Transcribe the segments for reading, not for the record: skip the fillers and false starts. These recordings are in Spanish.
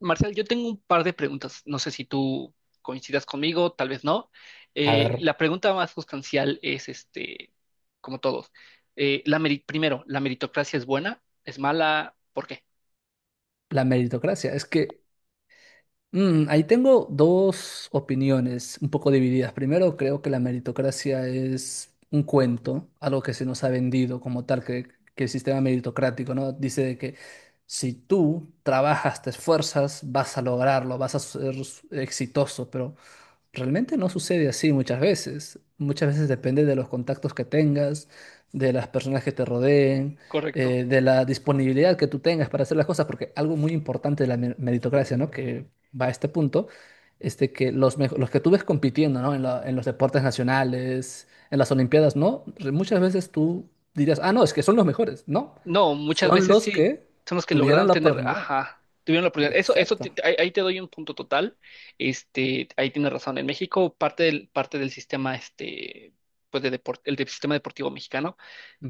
Marcial, yo tengo un par de preguntas. No sé si tú coincidas conmigo, tal vez no. A ver, La pregunta más sustancial es, como todos, primero, ¿la meritocracia es buena? ¿Es mala? ¿Por qué? la meritocracia. Es que ahí tengo dos opiniones un poco divididas. Primero, creo que la meritocracia es un cuento, algo que se nos ha vendido como tal, que el sistema meritocrático, ¿no? Dice de que si tú trabajas, te esfuerzas, vas a lograrlo, vas a ser exitoso, pero realmente no sucede así muchas veces. Muchas veces depende de los contactos que tengas, de las personas que te rodeen, Correcto. De la disponibilidad que tú tengas para hacer las cosas, porque algo muy importante de la meritocracia, ¿no? Que va a este punto, es de que los que tú ves compitiendo, ¿no? En los deportes nacionales, en las Olimpiadas, ¿no? Muchas veces tú dirías, ah, no, es que son los mejores, ¿no? No, muchas Son veces los sí, que son los que tuvieron lograron la tener, oportunidad. ajá, tuvieron la oportunidad. Eso, Exacto. Ahí te doy un punto total. Ahí tienes razón. En México, parte del sistema, pues de deporte, sistema deportivo mexicano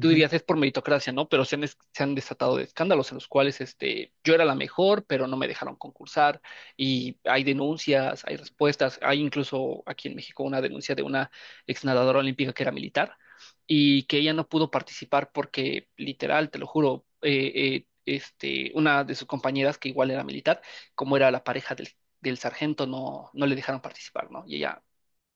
tú dirías es por meritocracia, ¿no? Pero se han desatado de escándalos en los cuales yo era la mejor, pero no me dejaron concursar, y hay denuncias, hay respuestas, hay incluso aquí en México una denuncia de una exnadadora olímpica que era militar y que ella no pudo participar porque literal, te lo juro, una de sus compañeras que igual era militar, como era la pareja del sargento, no, no le dejaron participar, ¿no? Y ella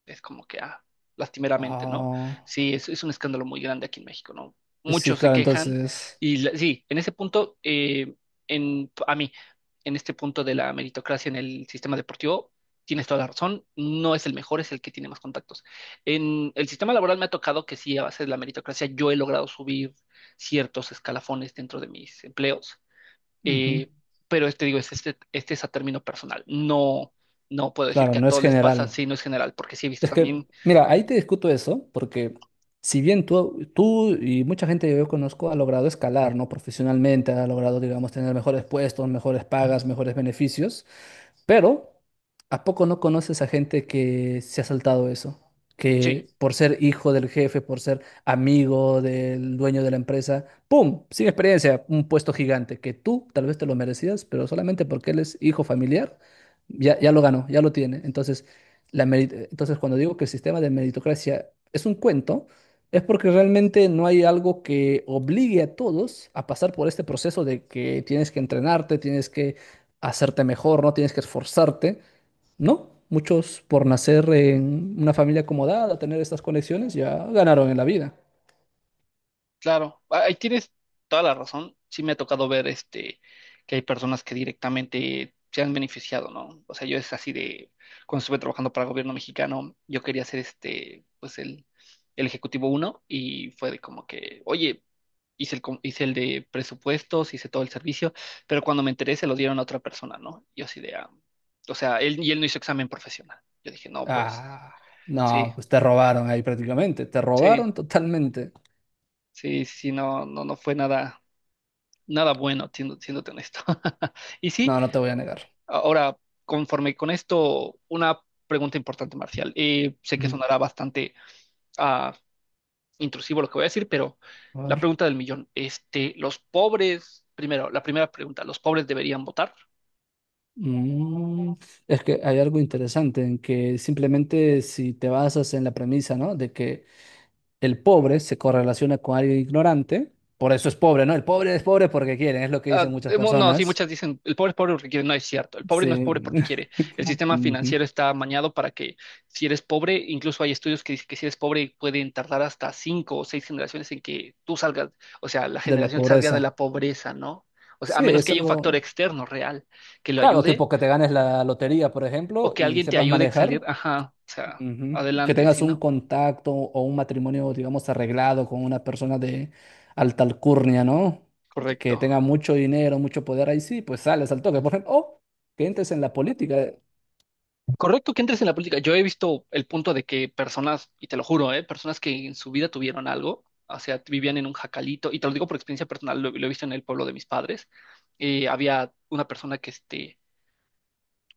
es como que, lastimeramente, ¿no? Ah, Sí, es un escándalo muy grande aquí en México, ¿no? sí, Muchos se claro, quejan entonces. Sí, en ese punto, a mí, en este punto de la meritocracia en el sistema deportivo, tienes toda la razón, no es el mejor, es el que tiene más contactos. En el sistema laboral me ha tocado que sí, a base de la meritocracia, yo he logrado subir ciertos escalafones dentro de mis empleos. Ujú. eh, Digo, este es a término personal. No, no puedo decir Claro, que a no es todos les pasa, general. sí, no es general, porque sí he visto Es que, también, mira, ahí te discuto eso, porque si bien tú y mucha gente que yo conozco ha logrado escalar, ¿no? Profesionalmente, ha logrado, digamos, tener mejores puestos, mejores pagas, mejores beneficios, pero ¿a poco no conoces a gente que se ha saltado eso? sí, Que por ser hijo del jefe, por ser amigo del dueño de la empresa, ¡pum! Sin experiencia, un puesto gigante que tú tal vez te lo merecías, pero solamente porque él es hijo familiar, ya lo ganó, ya lo tiene. Entonces, entonces, cuando digo que el sistema de meritocracia es un cuento, es porque realmente no hay algo que obligue a todos a pasar por este proceso de que tienes que entrenarte, tienes que hacerte mejor, no tienes que esforzarte, ¿no? Muchos por nacer en una familia acomodada, tener estas conexiones, ya ganaron en la vida. claro. Ahí tienes toda la razón. Sí me ha tocado ver que hay personas que directamente se han beneficiado, ¿no? O sea, yo es así de, cuando estuve trabajando para el gobierno mexicano, yo quería ser pues el ejecutivo uno, y fue de como que, oye, hice el de presupuestos, hice todo el servicio, pero cuando me enteré se lo dieron a otra persona, ¿no? Yo así de, o sea, y él no hizo examen profesional. Yo dije, no, pues, Ah, sí, no, pues te robaron ahí prácticamente, te sí, robaron totalmente. sí, sí, no, no, no fue nada, nada bueno, siéndote honesto. Y sí, No, no te voy a negar. ahora, conforme con esto, una pregunta importante, Marcial. Sé que Mm, sonará bastante ah, intrusivo lo que voy a decir, pero a la ver. pregunta del millón, los pobres, primero, la primera pregunta, ¿los pobres deberían votar? Mm, es que hay algo interesante en que simplemente si te basas en la premisa, ¿no? De que el pobre se correlaciona con alguien ignorante, por eso es pobre, ¿no? El pobre es pobre porque quiere, es lo que dicen muchas No, sí, personas. muchas dicen, el pobre es pobre porque quiere, no es cierto, el pobre no es pobre Sí. porque quiere, el sistema financiero está amañado para que si eres pobre, incluso hay estudios que dicen que si eres pobre pueden tardar hasta 5 o 6 generaciones en que tú salgas, o sea, la De la generación salga de pobreza. la pobreza, ¿no? O sea, a Sí, menos que es haya un factor algo, externo real que lo claro, ayude tipo que te ganes la lotería, por o ejemplo, que y alguien te sepas ayude a salir, manejar, ajá, o sea, ujú. Que adelante, ¿sí, tengas un no? contacto o un matrimonio, digamos, arreglado con una persona de alta alcurnia, ¿no? Que Correcto. tenga mucho dinero, mucho poder, ahí sí, pues sales al toque, por ejemplo, o que entres en la política, Correcto que entres en la política. Yo he visto el punto de que personas, y te lo juro, ¿eh? Personas que en su vida tuvieron algo, o sea, vivían en un jacalito, y te lo digo por experiencia personal, lo he visto en el pueblo de mis padres. Había una persona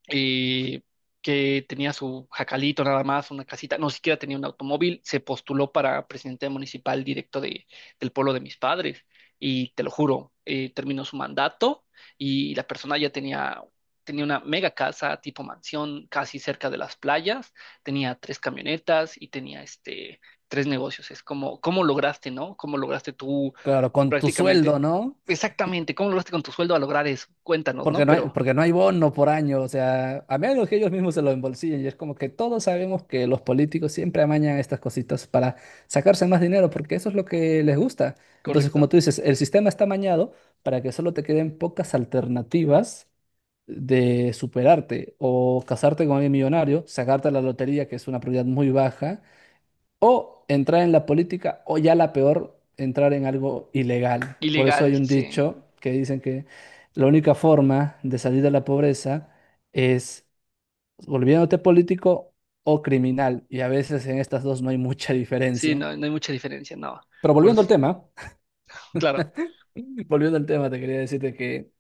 eh, que tenía su jacalito nada más, una casita, no siquiera tenía un automóvil, se postuló para presidente municipal directo del pueblo de mis padres. Y te lo juro, terminó su mandato y la persona ya tenía una mega casa tipo mansión casi cerca de las playas, tenía tres camionetas y tenía tres negocios. Es como, ¿cómo lograste, no? ¿Cómo lograste tú claro, con tu sueldo, prácticamente, ¿no? exactamente, cómo lograste con tu sueldo a lograr eso? Cuéntanos, ¿no? Pero Porque no hay bono por año, o sea, a menos que ellos mismos se lo embolsillen. Y es como que todos sabemos que los políticos siempre amañan estas cositas para sacarse más dinero, porque eso es lo que les gusta. Entonces, como correcto. tú dices, el sistema está amañado para que solo te queden pocas alternativas de superarte o casarte con alguien millonario, sacarte la lotería, que es una probabilidad muy baja, o entrar en la política, o ya la peor, entrar en algo ilegal. Por eso hay Ilegal, un sí. dicho que dicen que la única forma de salir de la pobreza es volviéndote político o criminal. Y a veces en estas dos no hay mucha Sí, diferencia. no, no hay mucha diferencia, no. Pero Por, volviendo al tema, claro, volviendo al tema, te quería decirte que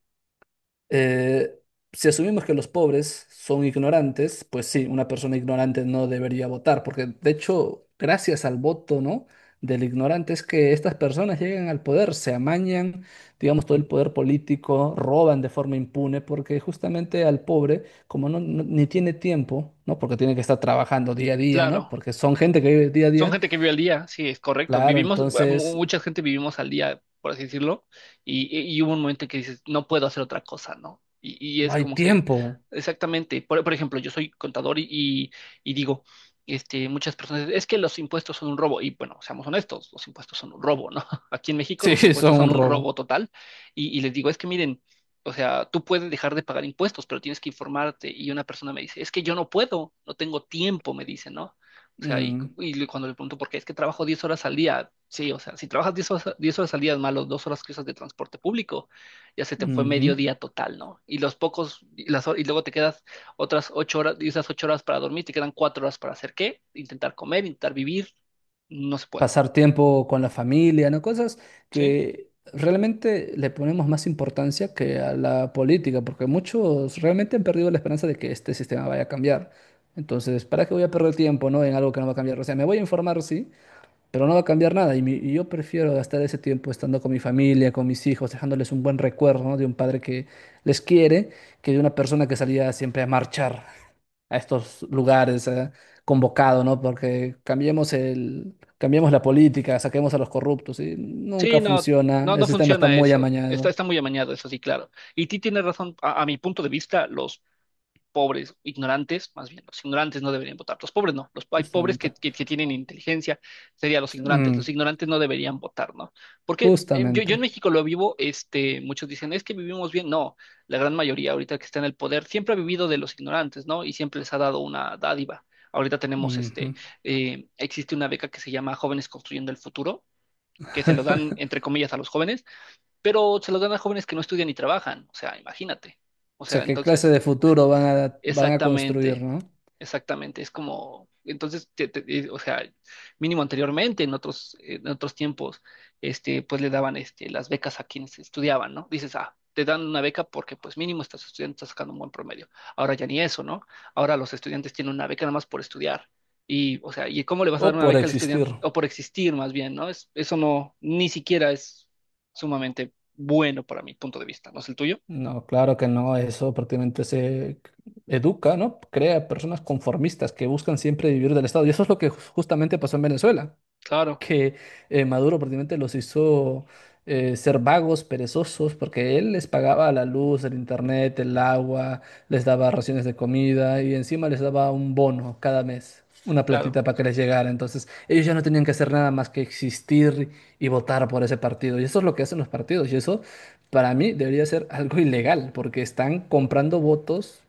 Eh, si asumimos que los pobres son ignorantes, pues sí, una persona ignorante no debería votar, porque de hecho, gracias al voto, ¿no? Del ignorante es que estas personas llegan al poder, se amañan, digamos, todo el poder político, roban de forma impune, porque justamente al pobre, como ni tiene tiempo, ¿no? Porque tiene que estar trabajando día a día, ¿no? claro. Porque son gente que vive día a Son día, gente que vive al día, sí, es correcto. claro, entonces Mucha gente vivimos al día, por así decirlo, y, y hubo un momento en que dices, no puedo hacer otra cosa, ¿no? Y no es hay como que, tiempo. exactamente, por ejemplo, yo soy contador y, y digo, muchas personas, es que los impuestos son un robo, y bueno, seamos honestos, los impuestos son un robo, ¿no? Aquí en México Sí, los son impuestos son un un robo. robo total, y les digo, es que miren, o sea, tú puedes dejar de pagar impuestos, pero tienes que informarte, y una persona me dice, es que yo no puedo, no tengo tiempo, me dice, ¿no? O sea, Mm, y cuando le pregunto por qué, es que trabajo 10 horas al día. Sí, o sea, si trabajas 10 horas, 10 horas al día, más los 2 horas que usas de transporte público, ya se te fue medio ujú. día total, ¿no? Y los pocos, y, las, hor- Y luego te quedas otras 8 horas, y esas 8 horas para dormir, te quedan 4 horas para hacer qué? Intentar comer, intentar vivir, no se puede, Pasar tiempo con la familia, ¿no? Cosas ¿sí? que realmente le ponemos más importancia que a la política, porque muchos realmente han perdido la esperanza de que este sistema vaya a cambiar. Entonces, ¿para qué voy a perder tiempo, ¿no? en algo que no va a cambiar? O sea, me voy a informar, sí, pero no va a cambiar nada. Y, y yo prefiero gastar ese tiempo estando con mi familia, con mis hijos, dejándoles un buen recuerdo, ¿no? de un padre que les quiere, que de una persona que salía siempre a marchar a estos lugares convocado, ¿no? Porque cambiemos la política, saquemos a los corruptos y Sí, nunca no, no, funciona. El no sistema está funciona muy eso. Está, amañado, está muy amañado, eso sí, claro. Y ti tienes razón, a mi punto de vista, los pobres, ignorantes, más bien, los ignorantes no deberían votar, los pobres no, hay pobres que, justamente. que tienen inteligencia, serían los Mm, ignorantes no deberían votar, ¿no? Porque yo, yo en justamente. México lo vivo, muchos dicen, es que vivimos bien, no, la gran mayoría ahorita que está en el poder siempre ha vivido de los ignorantes, ¿no? Y siempre les ha dado una dádiva. Ahorita Ujú. Existe una beca que se llama Jóvenes Construyendo el Futuro, que se lo dan, entre comillas, a los jóvenes, pero se lo dan a jóvenes que no estudian ni trabajan, o sea, imagínate. O O sea, sea, ¿qué clase entonces, de futuro van a, van a construir, exactamente. ¿no? Exactamente, es como, entonces, o sea, mínimo anteriormente, en otros tiempos, pues le daban las becas a quienes estudiaban, ¿no? Dices, te dan una beca porque pues mínimo estás estudiando, estás sacando un buen promedio. Ahora ya ni eso, ¿no? Ahora los estudiantes tienen una beca nada más por estudiar. Y, o sea, ¿y cómo le vas a O dar una por beca al existir. estudiante? O por existir, más bien, ¿no? Eso no, ni siquiera es sumamente bueno para mi punto de vista, ¿no es el tuyo? No, claro que no, eso prácticamente se educa, ¿no? Crea personas conformistas que buscan siempre vivir del Estado. Y eso es lo que justamente pasó en Venezuela. Claro, Que Maduro prácticamente los hizo ser vagos, perezosos, porque él les pagaba la luz, el internet, el agua, les daba raciones de comida y encima les daba un bono cada mes, una platita claro. para que les llegara. Entonces ellos ya no tenían que hacer nada más que existir y votar por ese partido. Y eso es lo que hacen los partidos y eso para mí debería ser algo ilegal, porque están comprando votos.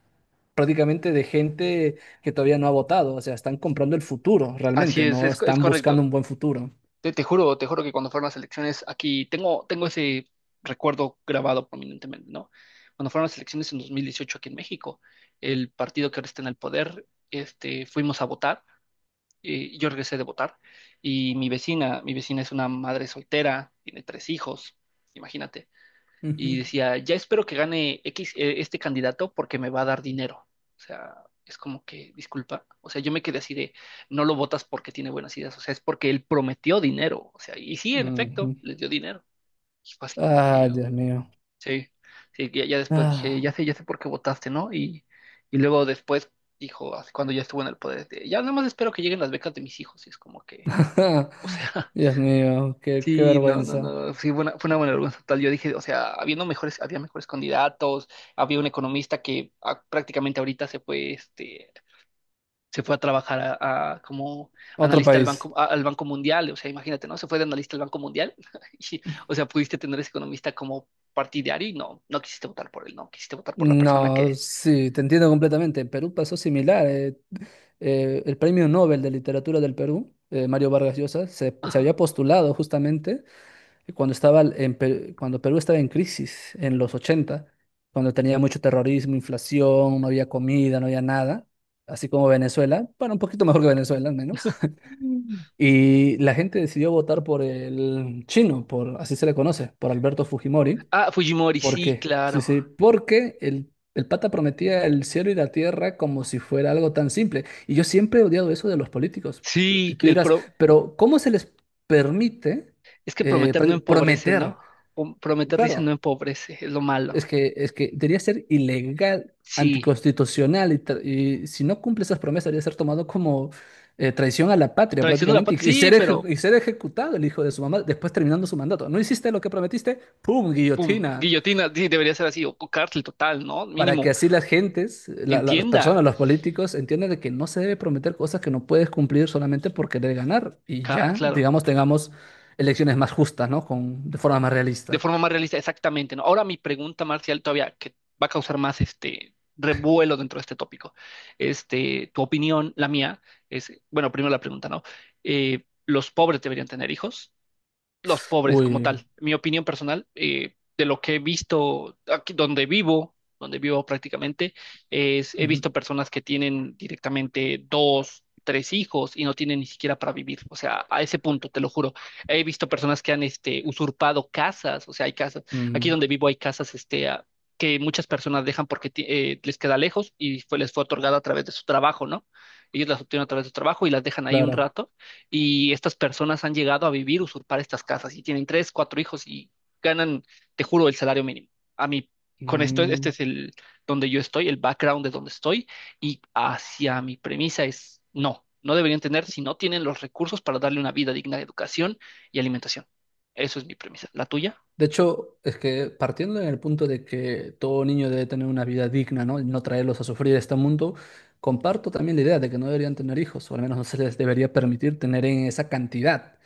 Prácticamente de gente que todavía no ha votado, o sea, están comprando el futuro Así realmente, es, no es están buscando correcto. un buen futuro. Te juro, te juro que cuando fueron las elecciones, aquí tengo, tengo ese recuerdo grabado prominentemente, ¿no? Cuando fueron las elecciones en 2018 aquí en México, el partido que ahora está en el poder, fuimos a votar, yo regresé de votar, y mi vecina es una madre soltera, tiene tres hijos, imagínate, y Ujú, decía, ya espero que gane X, este candidato porque me va a dar dinero. O sea, es como que, disculpa, o sea, yo me quedé así de, no lo votas porque tiene buenas ideas, o sea, es porque él prometió dinero, o sea, y sí, en efecto, ujú. les dio dinero. Y fue así como Ah que, Dios mío. sí, sí, ya después dije, Ah, ya sé por qué votaste, ¿no? Y luego después dijo, así cuando ya estuvo en el poder, ya nada más espero que lleguen las becas de mis hijos, y es como que, o sea, Dios mío, qué, qué sí, no, no, vergüenza. no, sí, fue una buena vergüenza total. Yo dije, o sea, habiendo mejores, había mejores candidatos, había un economista que prácticamente ahorita se fue, se fue a trabajar a como Otro analista al país. banco, al Banco Mundial, o sea, imagínate, ¿no? Se fue de analista al Banco Mundial, y, o sea, pudiste tener ese economista como partidario y no, no quisiste votar por él, no, quisiste votar por la persona No, que... sí, te entiendo completamente. En Perú pasó similar. El Premio Nobel de Literatura del Perú, Mario Vargas Llosa, se había postulado justamente cuando estaba en cuando Perú estaba en crisis en los 80 cuando tenía mucho terrorismo, inflación, no había comida, no había nada, así como Venezuela, bueno, un poquito mejor que Venezuela al menos. Mm. Y la gente decidió votar por el chino, por, así se le conoce, por Alberto Fujimori. Fujimori, ¿Por sí, qué? Sí, claro. sí, porque el pata prometía el cielo y la tierra como si fuera algo tan simple. Y yo siempre he odiado eso de los políticos. Y Sí, tú dirás, pero ¿cómo se les permite es que prometer no empobrece, ¿no? prometer? Prometer dice no Claro, empobrece, es lo malo. Es que debería ser ilegal, Sí. anticonstitucional, y si no cumple esas promesas, debería ser tomado como traición a la patria Traición de la prácticamente patria, y, sí, pero y ser ejecutado el hijo de su mamá después terminando su mandato. ¿No hiciste lo que prometiste? ¡Pum! pum, Guillotina. guillotina, sí, debería ser así, o cárcel total, ¿no? Para que Mínimo, así las gentes, las entienda, personas, los políticos entiendan de que no se debe prometer cosas que no puedes cumplir solamente por querer ganar y ya, claro, digamos, tengamos elecciones más justas, ¿no? Con, de forma más de realista. forma más realista, exactamente, ¿no? Ahora mi pregunta, Marcial, todavía, que va a causar más este revuelo dentro de este tópico. Tu opinión, la mía, es, bueno, primero la pregunta, ¿no? ¿Los pobres deberían tener hijos? Los pobres como Uy. tal. Mi opinión personal, de lo que he visto aquí donde vivo prácticamente, es he visto Ujú, personas que tienen directamente dos, tres hijos y no tienen ni siquiera para vivir. O sea, a ese punto, te lo juro. He visto personas que han usurpado casas, o sea, hay casas, aquí mm, donde vivo hay casas que muchas personas dejan porque les queda lejos y les fue otorgada a través de su trabajo, ¿no? Ellos las obtienen a través de su trabajo y las dejan ahí un claro. rato, y estas personas han llegado a vivir, usurpar estas casas, y tienen tres, cuatro hijos y ganan, te juro, el salario mínimo. A mí, con esto, este Mm. es el donde yo estoy, el background de donde estoy, y hacia mi premisa es no, no deberían tener si no tienen los recursos para darle una vida digna de educación y alimentación. Eso es mi premisa. ¿La tuya? De hecho, es que partiendo en el punto de que todo niño debe tener una vida digna, ¿no? Y no traerlos a sufrir este mundo, comparto también la idea de que no deberían tener hijos, o al menos no se les debería permitir tener en esa cantidad.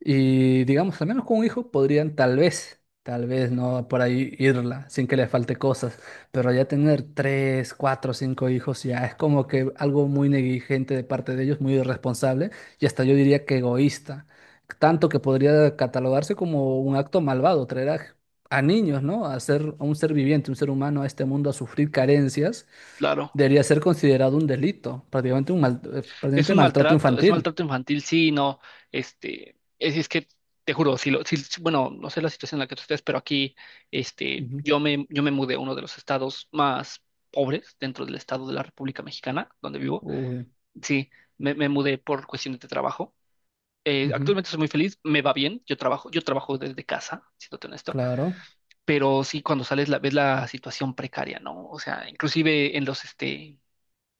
Y digamos, al menos con un hijo podrían tal vez no por ahí irla sin que le falte cosas, pero ya tener tres, cuatro, cinco hijos ya es como que algo muy negligente de parte de ellos, muy irresponsable y hasta yo diría que egoísta, tanto que podría catalogarse como un acto malvado, traer a niños, ¿no? A ser, a un ser viviente, un ser humano a este mundo a sufrir carencias, Claro. debería ser considerado un delito, prácticamente un Es prácticamente un maltrato maltrato, es infantil. maltrato infantil, sí, no, es que te juro, si lo, si, si- bueno, no sé la situación en la que tú estés, pero aquí, Ujú. yo me mudé a uno de los estados más pobres dentro del estado de la República Mexicana, donde vivo. Uy. Sí, me mudé por cuestiones de trabajo. Ujú. Actualmente soy muy feliz, me va bien, yo trabajo desde casa, siéndote honesto, Claro, pero sí cuando ves la situación precaria, ¿no? O sea, inclusive en los,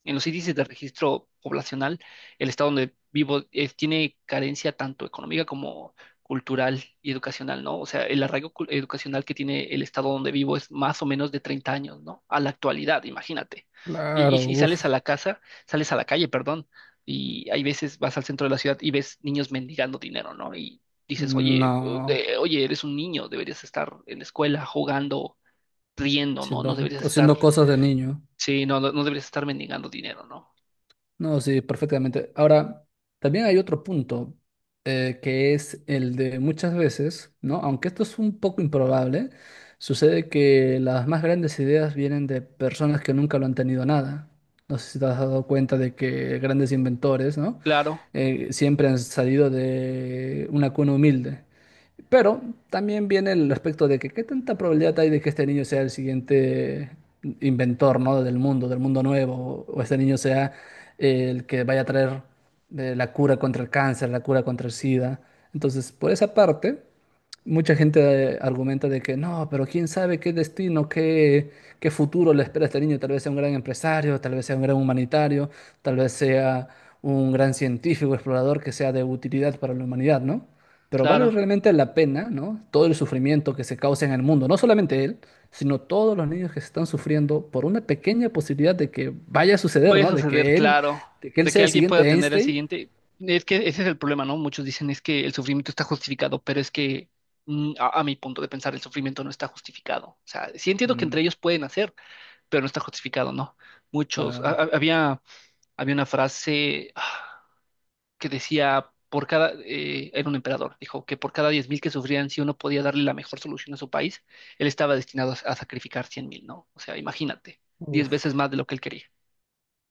en los índices de registro poblacional, el estado donde vivo tiene carencia tanto económica como cultural y educacional, ¿no? O sea, el arraigo educacional que tiene el estado donde vivo es más o menos de 30 años, ¿no? A la actualidad, imagínate. Y, claro, y sales a uff, la casa, sales a la calle, perdón, y hay veces vas al centro de la ciudad y ves niños mendigando dinero, ¿no? Y dices, oye, no, oye, eres un niño, deberías estar en la escuela jugando, riendo, ¿no? No haciendo, deberías estar, haciendo cosas de niño. sí, no, no no deberías estar mendigando dinero, ¿no? No, sí, perfectamente. Ahora, también hay otro punto, que es el de muchas veces, ¿no? Aunque esto es un poco improbable, sucede que las más grandes ideas vienen de personas que nunca lo han tenido nada. No sé si te has dado cuenta de que grandes inventores, ¿no? Claro, Siempre han salido de una cuna humilde. Pero también viene el aspecto de que qué tanta probabilidad hay de que este niño sea el siguiente inventor, ¿no? Del mundo, del mundo nuevo, o este niño sea el que vaya a traer la cura contra el cáncer, la cura contra el SIDA. Entonces, por esa parte, mucha gente argumenta de que no, pero quién sabe qué destino, qué, qué futuro le espera a este niño. Tal vez sea un gran empresario, tal vez sea un gran humanitario, tal vez sea un gran científico, explorador que sea de utilidad para la humanidad, ¿no? Pero vale claro. realmente la pena, ¿no? Todo el sufrimiento que se causa en el mundo, no solamente él, sino todos los niños que se están sufriendo por una pequeña posibilidad de que vaya a suceder, Voy a ¿no? Suceder, claro, De que él de sea que el alguien pueda siguiente tener el Einstein. siguiente. Es que ese es el problema, ¿no? Muchos dicen es que el sufrimiento está justificado, pero es que a mi punto de pensar el sufrimiento no está justificado. O sea, sí entiendo que entre Mm, ellos pueden hacer, pero no está justificado, ¿no? Muchos, ha- claro. ha- había, Había una frase que decía, era un emperador, dijo que por cada 10.000 que sufrían, si uno podía darle la mejor solución a su país, él estaba destinado a sacrificar 100.000, ¿no? O sea, imagínate, 10 veces Uf. más de lo que él quería.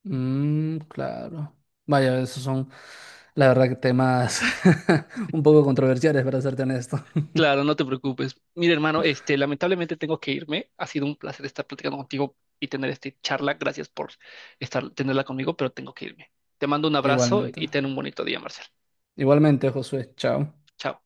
Mm, claro. Vaya, esos son, la verdad, que temas un poco controversiales, para serte honesto. Claro, no te preocupes. Mira, hermano, lamentablemente tengo que irme. Ha sido un placer estar platicando contigo y tener esta charla. Gracias por tenerla conmigo, pero tengo que irme. Te mando un abrazo y Igualmente. ten un bonito día, Marcel. Igualmente, Josué. Chao. Chao.